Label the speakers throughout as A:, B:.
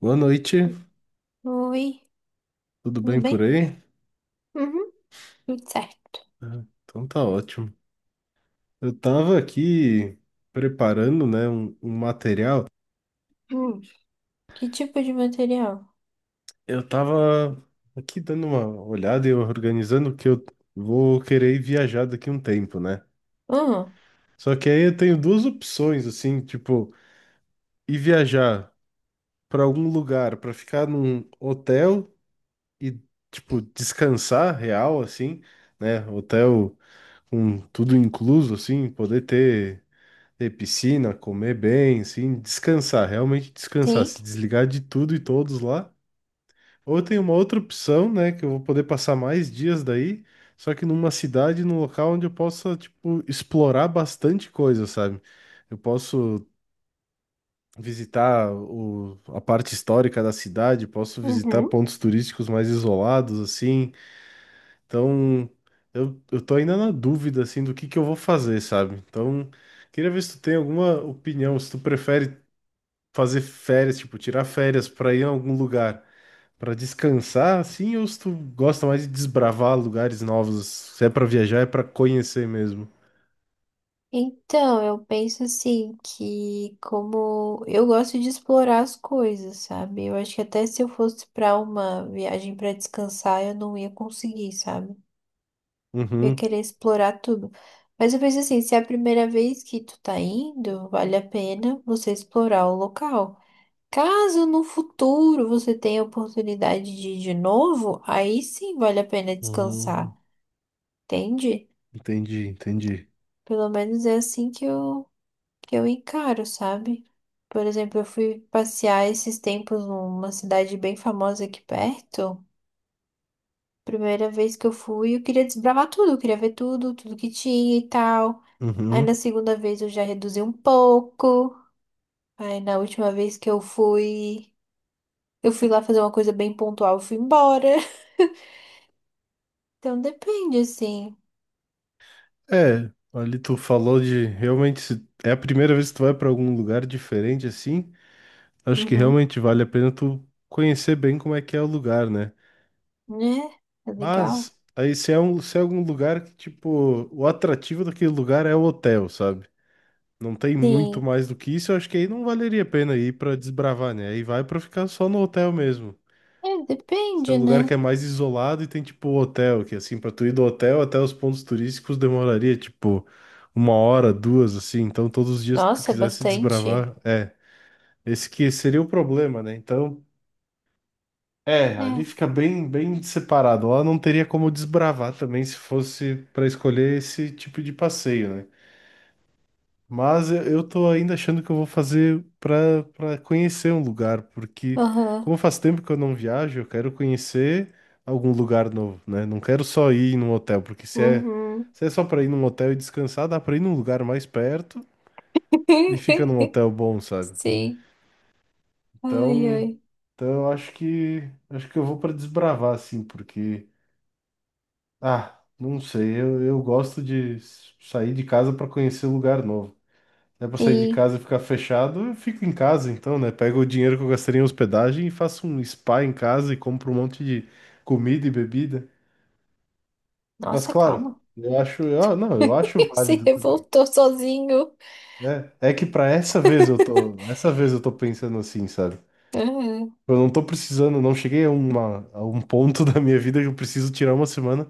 A: Boa noite,
B: Oi,
A: tudo
B: tudo
A: bem por
B: bem?
A: aí?
B: Uhum. Tudo certo.
A: Então tá ótimo. Eu tava aqui preparando, né, um material.
B: Hum. Que tipo de material?
A: Eu tava aqui dando uma olhada e organizando que eu vou querer ir viajar daqui um tempo, né?
B: Ah,
A: Só que aí eu tenho duas opções, assim, tipo, ir viajar pra algum lugar, pra ficar num hotel e, tipo, descansar real, assim, né? Hotel com tudo incluso, assim, poder ter piscina, comer bem, assim, descansar, realmente descansar,
B: sim.
A: se desligar de tudo e todos lá. Ou tem uma outra opção, né, que eu vou poder passar mais dias daí, só que numa cidade, num local onde eu possa, tipo, explorar bastante coisa, sabe? Eu posso visitar a parte histórica da cidade, posso visitar
B: Uhum.
A: pontos turísticos mais isolados, assim. Então, eu tô ainda na dúvida, assim, do que eu vou fazer, sabe? Então, queria ver se tu tem alguma opinião, se tu prefere fazer férias, tipo, tirar férias pra ir a algum lugar pra descansar, assim, ou se tu gosta mais de desbravar lugares novos? Se é pra viajar, é pra conhecer mesmo.
B: Então, eu penso assim que como eu gosto de explorar as coisas, sabe? Eu acho que até se eu fosse para uma viagem para descansar, eu não ia conseguir, sabe? Eu ia
A: Uhum,
B: querer explorar tudo. Mas eu penso assim, se é a primeira vez que tu tá indo, vale a pena você explorar o local. Caso no futuro você tenha a oportunidade de ir de novo, aí sim vale a pena
A: uhum.
B: descansar, entende?
A: Entendi, entendi.
B: Pelo menos é assim que que eu encaro, sabe? Por exemplo, eu fui passear esses tempos numa cidade bem famosa aqui perto. Primeira vez que eu fui, eu queria desbravar tudo, eu queria ver tudo, tudo que tinha e tal. Aí na
A: Uhum.
B: segunda vez eu já reduzi um pouco. Aí na última vez que eu fui lá fazer uma coisa bem pontual, eu fui embora. Então depende, assim.
A: É, ali tu falou de realmente se é a primeira vez que tu vai pra algum lugar diferente assim, acho que
B: Uhum.
A: realmente vale a pena tu conhecer bem como é que é o lugar, né?
B: Né? É legal?
A: Mas aí se é algum lugar que tipo, o atrativo daquele lugar é o hotel, sabe? Não tem muito
B: Sim.
A: mais do que isso, eu acho que aí não valeria a pena ir pra desbravar, né? Aí vai pra ficar só no hotel mesmo.
B: É,
A: Se é um
B: depende,
A: lugar
B: né?
A: que é mais isolado e tem tipo hotel, que assim, pra tu ir do hotel até os pontos turísticos demoraria tipo uma hora, duas, assim. Então todos os dias que tu
B: Nossa, é
A: quisesse
B: bastante.
A: desbravar, é. Esse que seria o problema, né? Então, é, ali
B: É.
A: fica bem, bem separado. Lá não teria como desbravar também se fosse pra escolher esse tipo de passeio, né? Mas eu tô ainda achando que eu vou fazer para conhecer um lugar, porque
B: Aham.
A: como faz tempo que eu não viajo, eu quero conhecer algum lugar novo, né? Não quero só ir num hotel, porque
B: Uhum.
A: se é só para ir num hotel e descansar, dá para ir num lugar mais perto e fica num hotel bom, sabe?
B: Sim. Ai,
A: Então,
B: ai.
A: então, eu acho que eu vou para desbravar assim, porque ah, não sei, eu gosto de s- sair de casa para conhecer lugar novo. É pra sair de
B: Sim.
A: casa e ficar fechado, eu fico em casa então, né? Pego o dinheiro que eu gastaria em hospedagem e faço um spa em casa e compro um monte de comida e bebida. Mas
B: Nossa,
A: claro,
B: calma.
A: eu acho, eu, não, eu acho
B: Se
A: válido também.
B: revoltou sozinho.
A: Né? É que pra essa vez eu tô, essa vez eu tô pensando assim, sabe?
B: Aham.
A: Eu não tô precisando, não cheguei a um ponto da minha vida que eu preciso tirar uma semana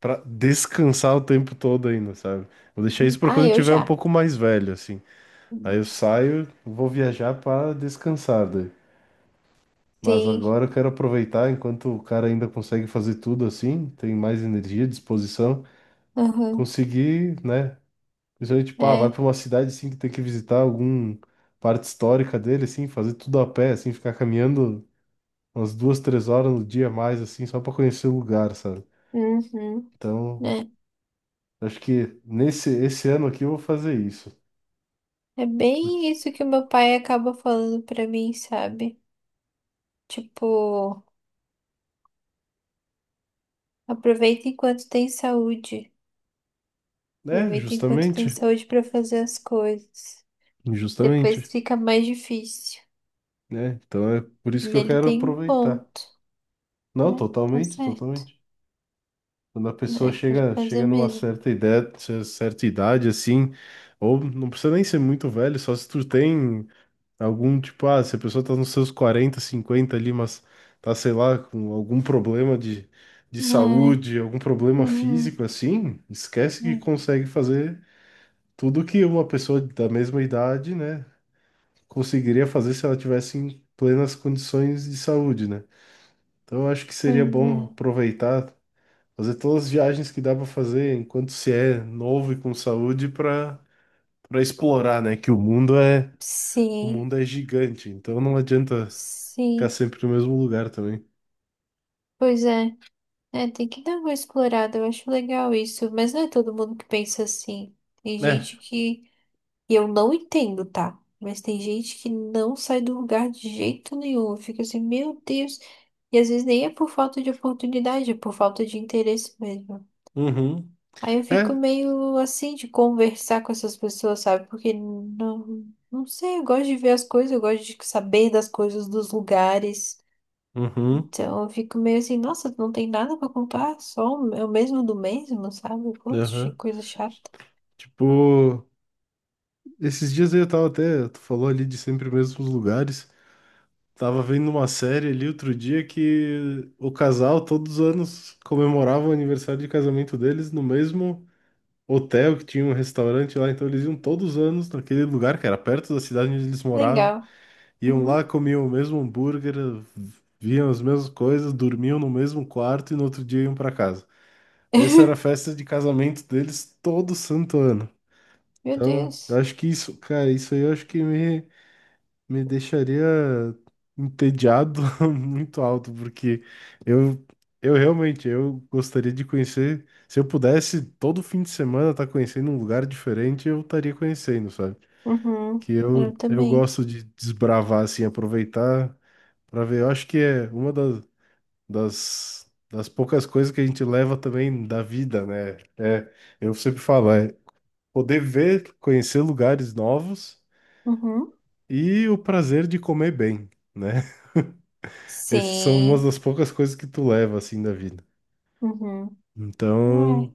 A: pra descansar o tempo todo ainda, sabe? Vou deixar isso pra
B: Ah,
A: quando eu
B: eu
A: tiver um
B: já.
A: pouco mais velho, assim. Aí eu saio, vou viajar pra descansar, daí. Mas
B: Sim.
A: agora eu quero aproveitar, enquanto o cara ainda consegue fazer tudo assim, tem mais energia, disposição,
B: Aham.
A: conseguir, né? Principalmente, pá, vai
B: É.
A: para uma cidade assim que tem que visitar algum parte histórica dele, assim, fazer tudo a pé, assim, ficar caminhando umas 2, 3 horas no dia a mais, assim, só para conhecer o lugar, sabe?
B: Uhum.
A: Então,
B: Né?
A: acho que nesse esse ano aqui eu vou fazer isso.
B: É bem isso que o meu pai acaba falando pra mim, sabe? Tipo. Aproveita enquanto tem saúde.
A: Né,
B: Aproveita enquanto tem
A: justamente,
B: saúde para fazer as coisas.
A: justamente,
B: Depois fica mais difícil.
A: né? Então é por
B: E
A: isso que eu
B: ele
A: quero
B: tem um
A: aproveitar.
B: ponto,
A: Não,
B: né? Tá
A: totalmente,
B: certo.
A: totalmente. Quando a pessoa
B: É, tem que
A: chega,
B: fazer
A: chega numa
B: mesmo.
A: certa idade, assim, ou não precisa nem ser muito velho, só se tu tem algum, tipo, ah, se a pessoa tá nos seus 40 50 ali, mas tá, sei lá, com algum problema de
B: É.
A: saúde, algum problema
B: Uhum.
A: físico, assim, esquece que
B: Uhum.
A: consegue fazer tudo que uma pessoa da mesma idade, né, conseguiria fazer se ela tivesse em plenas condições de saúde, né? Então, eu acho que seria
B: Pois é.
A: bom aproveitar. Fazer todas as viagens que dá pra fazer enquanto se é novo e com saúde pra para explorar, né? Que o
B: Sim,
A: mundo é gigante, então não adianta ficar
B: sim.
A: sempre no mesmo lugar também.
B: Pois é. É, tem que dar uma explorada. Eu acho legal isso. Mas não é todo mundo que pensa assim. Tem
A: É,
B: gente que... E eu não entendo, tá? Mas tem gente que não sai do lugar de jeito nenhum. Fica assim, meu Deus. E às vezes nem é por falta de oportunidade, é por falta de interesse mesmo.
A: uhum,
B: Aí eu fico
A: é,
B: meio assim de conversar com essas pessoas, sabe? Porque não, não sei, eu gosto de ver as coisas, eu gosto de saber das coisas, dos lugares.
A: uhum,
B: Então eu fico meio assim, nossa, não tem nada pra contar, só o é o mesmo do mesmo, sabe? Poxa, que
A: aham.
B: coisa chata.
A: Tipo, esses dias aí eu tava até, tu falou ali de sempre os mesmos lugares. Tava vendo uma série ali outro dia que o casal todos os anos comemorava o aniversário de casamento deles no mesmo hotel que tinha um restaurante lá, então eles iam todos os anos naquele lugar que era perto da cidade onde eles moravam,
B: Legal.
A: iam
B: Uhum.
A: lá, comiam o mesmo hambúrguer, viam as mesmas coisas, dormiam no mesmo quarto e no outro dia iam para casa. Essa era a festa de casamento deles todo santo ano.
B: Meu
A: Então, eu
B: Deus.
A: acho que isso, cara, isso aí eu acho que me deixaria entediado muito alto, porque eu, eu realmente eu gostaria de conhecer. Se eu pudesse todo fim de semana estar conhecendo um lugar diferente, eu estaria conhecendo, sabe?
B: Uhum.
A: Que
B: Eu
A: eu
B: também.
A: gosto de desbravar, assim, aproveitar para ver. Eu acho que é uma das poucas coisas que a gente leva também da vida, né? É, eu sempre falo, é poder ver, conhecer lugares novos
B: Uhum.
A: e o prazer de comer bem, né? Essas são umas
B: Sim.
A: das poucas coisas que tu leva assim da vida.
B: Uhum. É,
A: Então,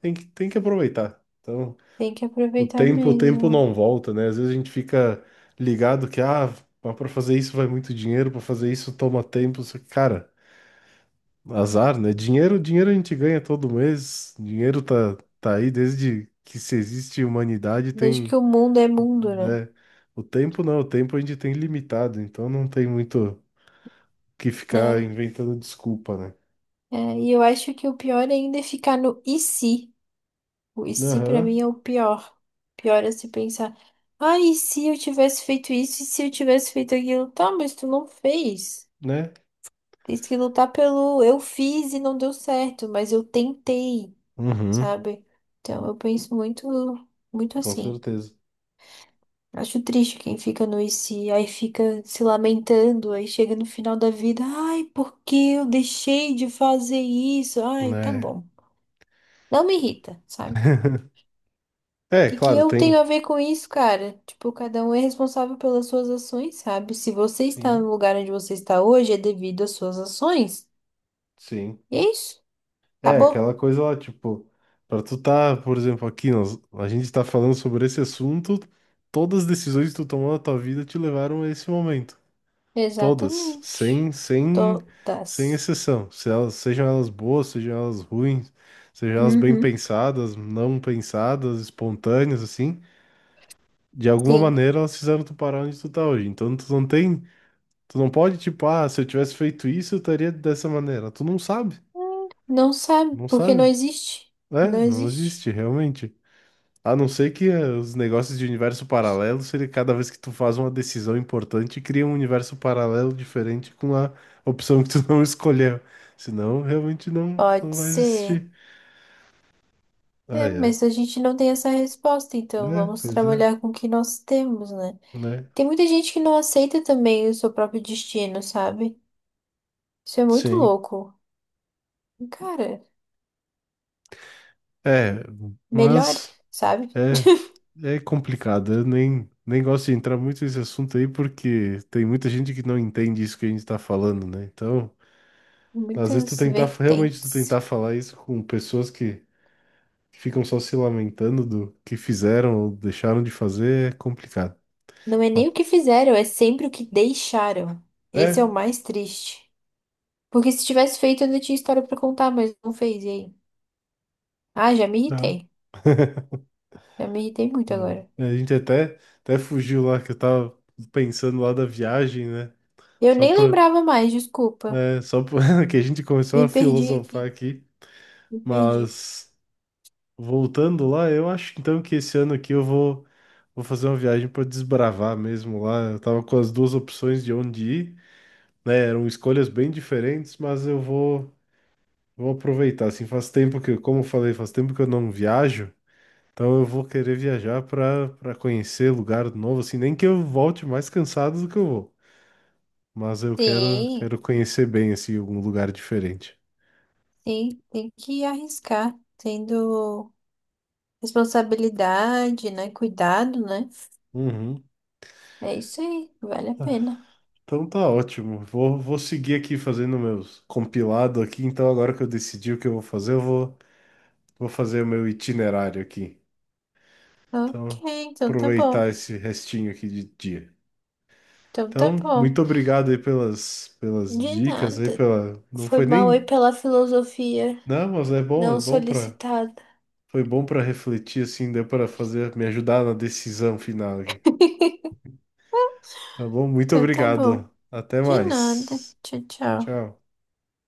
A: tem que aproveitar. Então,
B: tem que aproveitar
A: o tempo
B: mesmo.
A: não volta, né? Às vezes a gente fica ligado que, ah, mas para fazer isso vai muito dinheiro, para fazer isso toma tempo. Só que, cara, azar, né? Dinheiro a gente ganha todo mês. Dinheiro tá aí desde que se existe humanidade,
B: Desde
A: tem,
B: que o mundo é mundo, né?
A: né? O tempo não, o tempo a gente tem limitado, então não tem muito o que ficar
B: Né?
A: inventando desculpa, né?
B: É, e eu acho que o pior ainda é ficar no e se. O e se pra mim
A: Aham,
B: é o pior. Pior é se pensar, ah, e se eu tivesse feito isso, e se eu tivesse feito aquilo? Tá, mas tu não fez.
A: né?
B: Tem que lutar pelo eu fiz e não deu certo, mas eu tentei,
A: Uhum,
B: sabe? Então eu penso muito
A: com
B: assim.
A: certeza,
B: Acho triste quem fica no IC, aí fica se lamentando, aí chega no final da vida, ai, por que eu deixei de fazer isso? Ai, tá
A: né?
B: bom. Não me irrita, sabe? O
A: É,
B: que que
A: claro,
B: eu tenho
A: tem.
B: a ver com isso, cara? Tipo, cada um é responsável pelas suas ações, sabe? Se você está
A: Sim,
B: no lugar onde você está hoje, é devido às suas ações.
A: sim.
B: E é isso.
A: É,
B: Acabou?
A: aquela coisa lá, tipo, pra tu tá, por exemplo, aqui, nós, a gente tá falando sobre esse assunto, todas as decisões que tu tomou na tua vida te levaram a esse momento. Todas,
B: Exatamente.
A: sem
B: Todas.
A: exceção. Se elas, sejam elas boas, sejam elas ruins, sejam elas bem
B: Uhum.
A: pensadas, não pensadas, espontâneas, assim, de alguma
B: Sim.
A: maneira elas fizeram tu parar onde tu tá hoje. Então tu não tem. Tu não pode, tipo, ah, se eu tivesse feito isso, eu estaria dessa maneira. Tu não sabe,
B: Não sabe,
A: não
B: porque não
A: sabe.
B: existe.
A: É,
B: Não
A: não
B: existe.
A: existe, realmente. A não ser que os negócios de universo paralelo seria cada vez que tu faz uma decisão importante, cria um universo paralelo diferente com a opção que tu não escolheu. Senão, realmente
B: Pode
A: não vai
B: ser.
A: existir. Ah,
B: É,
A: é.
B: mas a gente não tem essa resposta, então
A: Né?
B: vamos
A: Pois é,
B: trabalhar com o que nós temos, né?
A: né?
B: Tem muita gente que não aceita também o seu próprio destino, sabe? Isso é muito
A: Sim.
B: louco. Cara,
A: É,
B: melhore,
A: mas.
B: sabe?
A: É, é complicado. Eu nem gosto de entrar muito nesse assunto aí, porque tem muita gente que não entende isso que a gente tá falando, né? Então, às vezes tu
B: Muitas
A: tentar, realmente tu tentar
B: vertentes.
A: falar isso com pessoas que ficam só se lamentando do que fizeram ou deixaram de fazer é complicado.
B: Não é nem o que fizeram, é sempre o que deixaram. Esse é
A: É,
B: o mais triste. Porque se tivesse feito, eu ainda tinha história pra contar, mas não fez, e aí? Ah, já me
A: aham,
B: irritei. Já me irritei muito agora.
A: é. A gente até fugiu lá, que eu tava pensando lá da viagem, né?
B: Eu
A: Só
B: nem
A: pra,
B: lembrava mais, desculpa.
A: só pra, que a gente
B: Me
A: começou a
B: perdi aqui,
A: filosofar aqui,
B: me perdi.
A: mas. Voltando lá, eu acho então que esse ano aqui vou fazer uma viagem para desbravar mesmo lá. Eu tava com as duas opções de onde ir, né? Eram escolhas bem diferentes, mas vou aproveitar. Assim, faz tempo que, como eu falei, faz tempo que eu não viajo, então eu vou querer viajar para conhecer lugar novo, assim, nem que eu volte mais cansado do que eu vou, mas eu quero
B: Sim.
A: quero conhecer bem assim algum lugar diferente.
B: Tem que arriscar, tendo responsabilidade, né? Cuidado, né?
A: Uhum.
B: É isso aí, vale a pena.
A: Então tá ótimo. Vou seguir aqui fazendo meus compilado aqui. Então agora que eu decidi o que eu vou fazer, vou fazer o meu itinerário aqui. Então,
B: Ok, então tá bom.
A: aproveitar esse restinho aqui de dia.
B: Então tá
A: Então,
B: bom.
A: muito obrigado aí pelas
B: De
A: dicas aí
B: nada.
A: pela não
B: Foi
A: foi
B: mal aí
A: nem
B: pela filosofia
A: não, mas é
B: não
A: bom para
B: solicitada.
A: foi bom para refletir assim, deu para fazer me ajudar na decisão final aqui. Tá bom? Muito
B: Então tá bom.
A: obrigado. Até
B: De nada.
A: mais.
B: Tchau, tchau.
A: Tchau.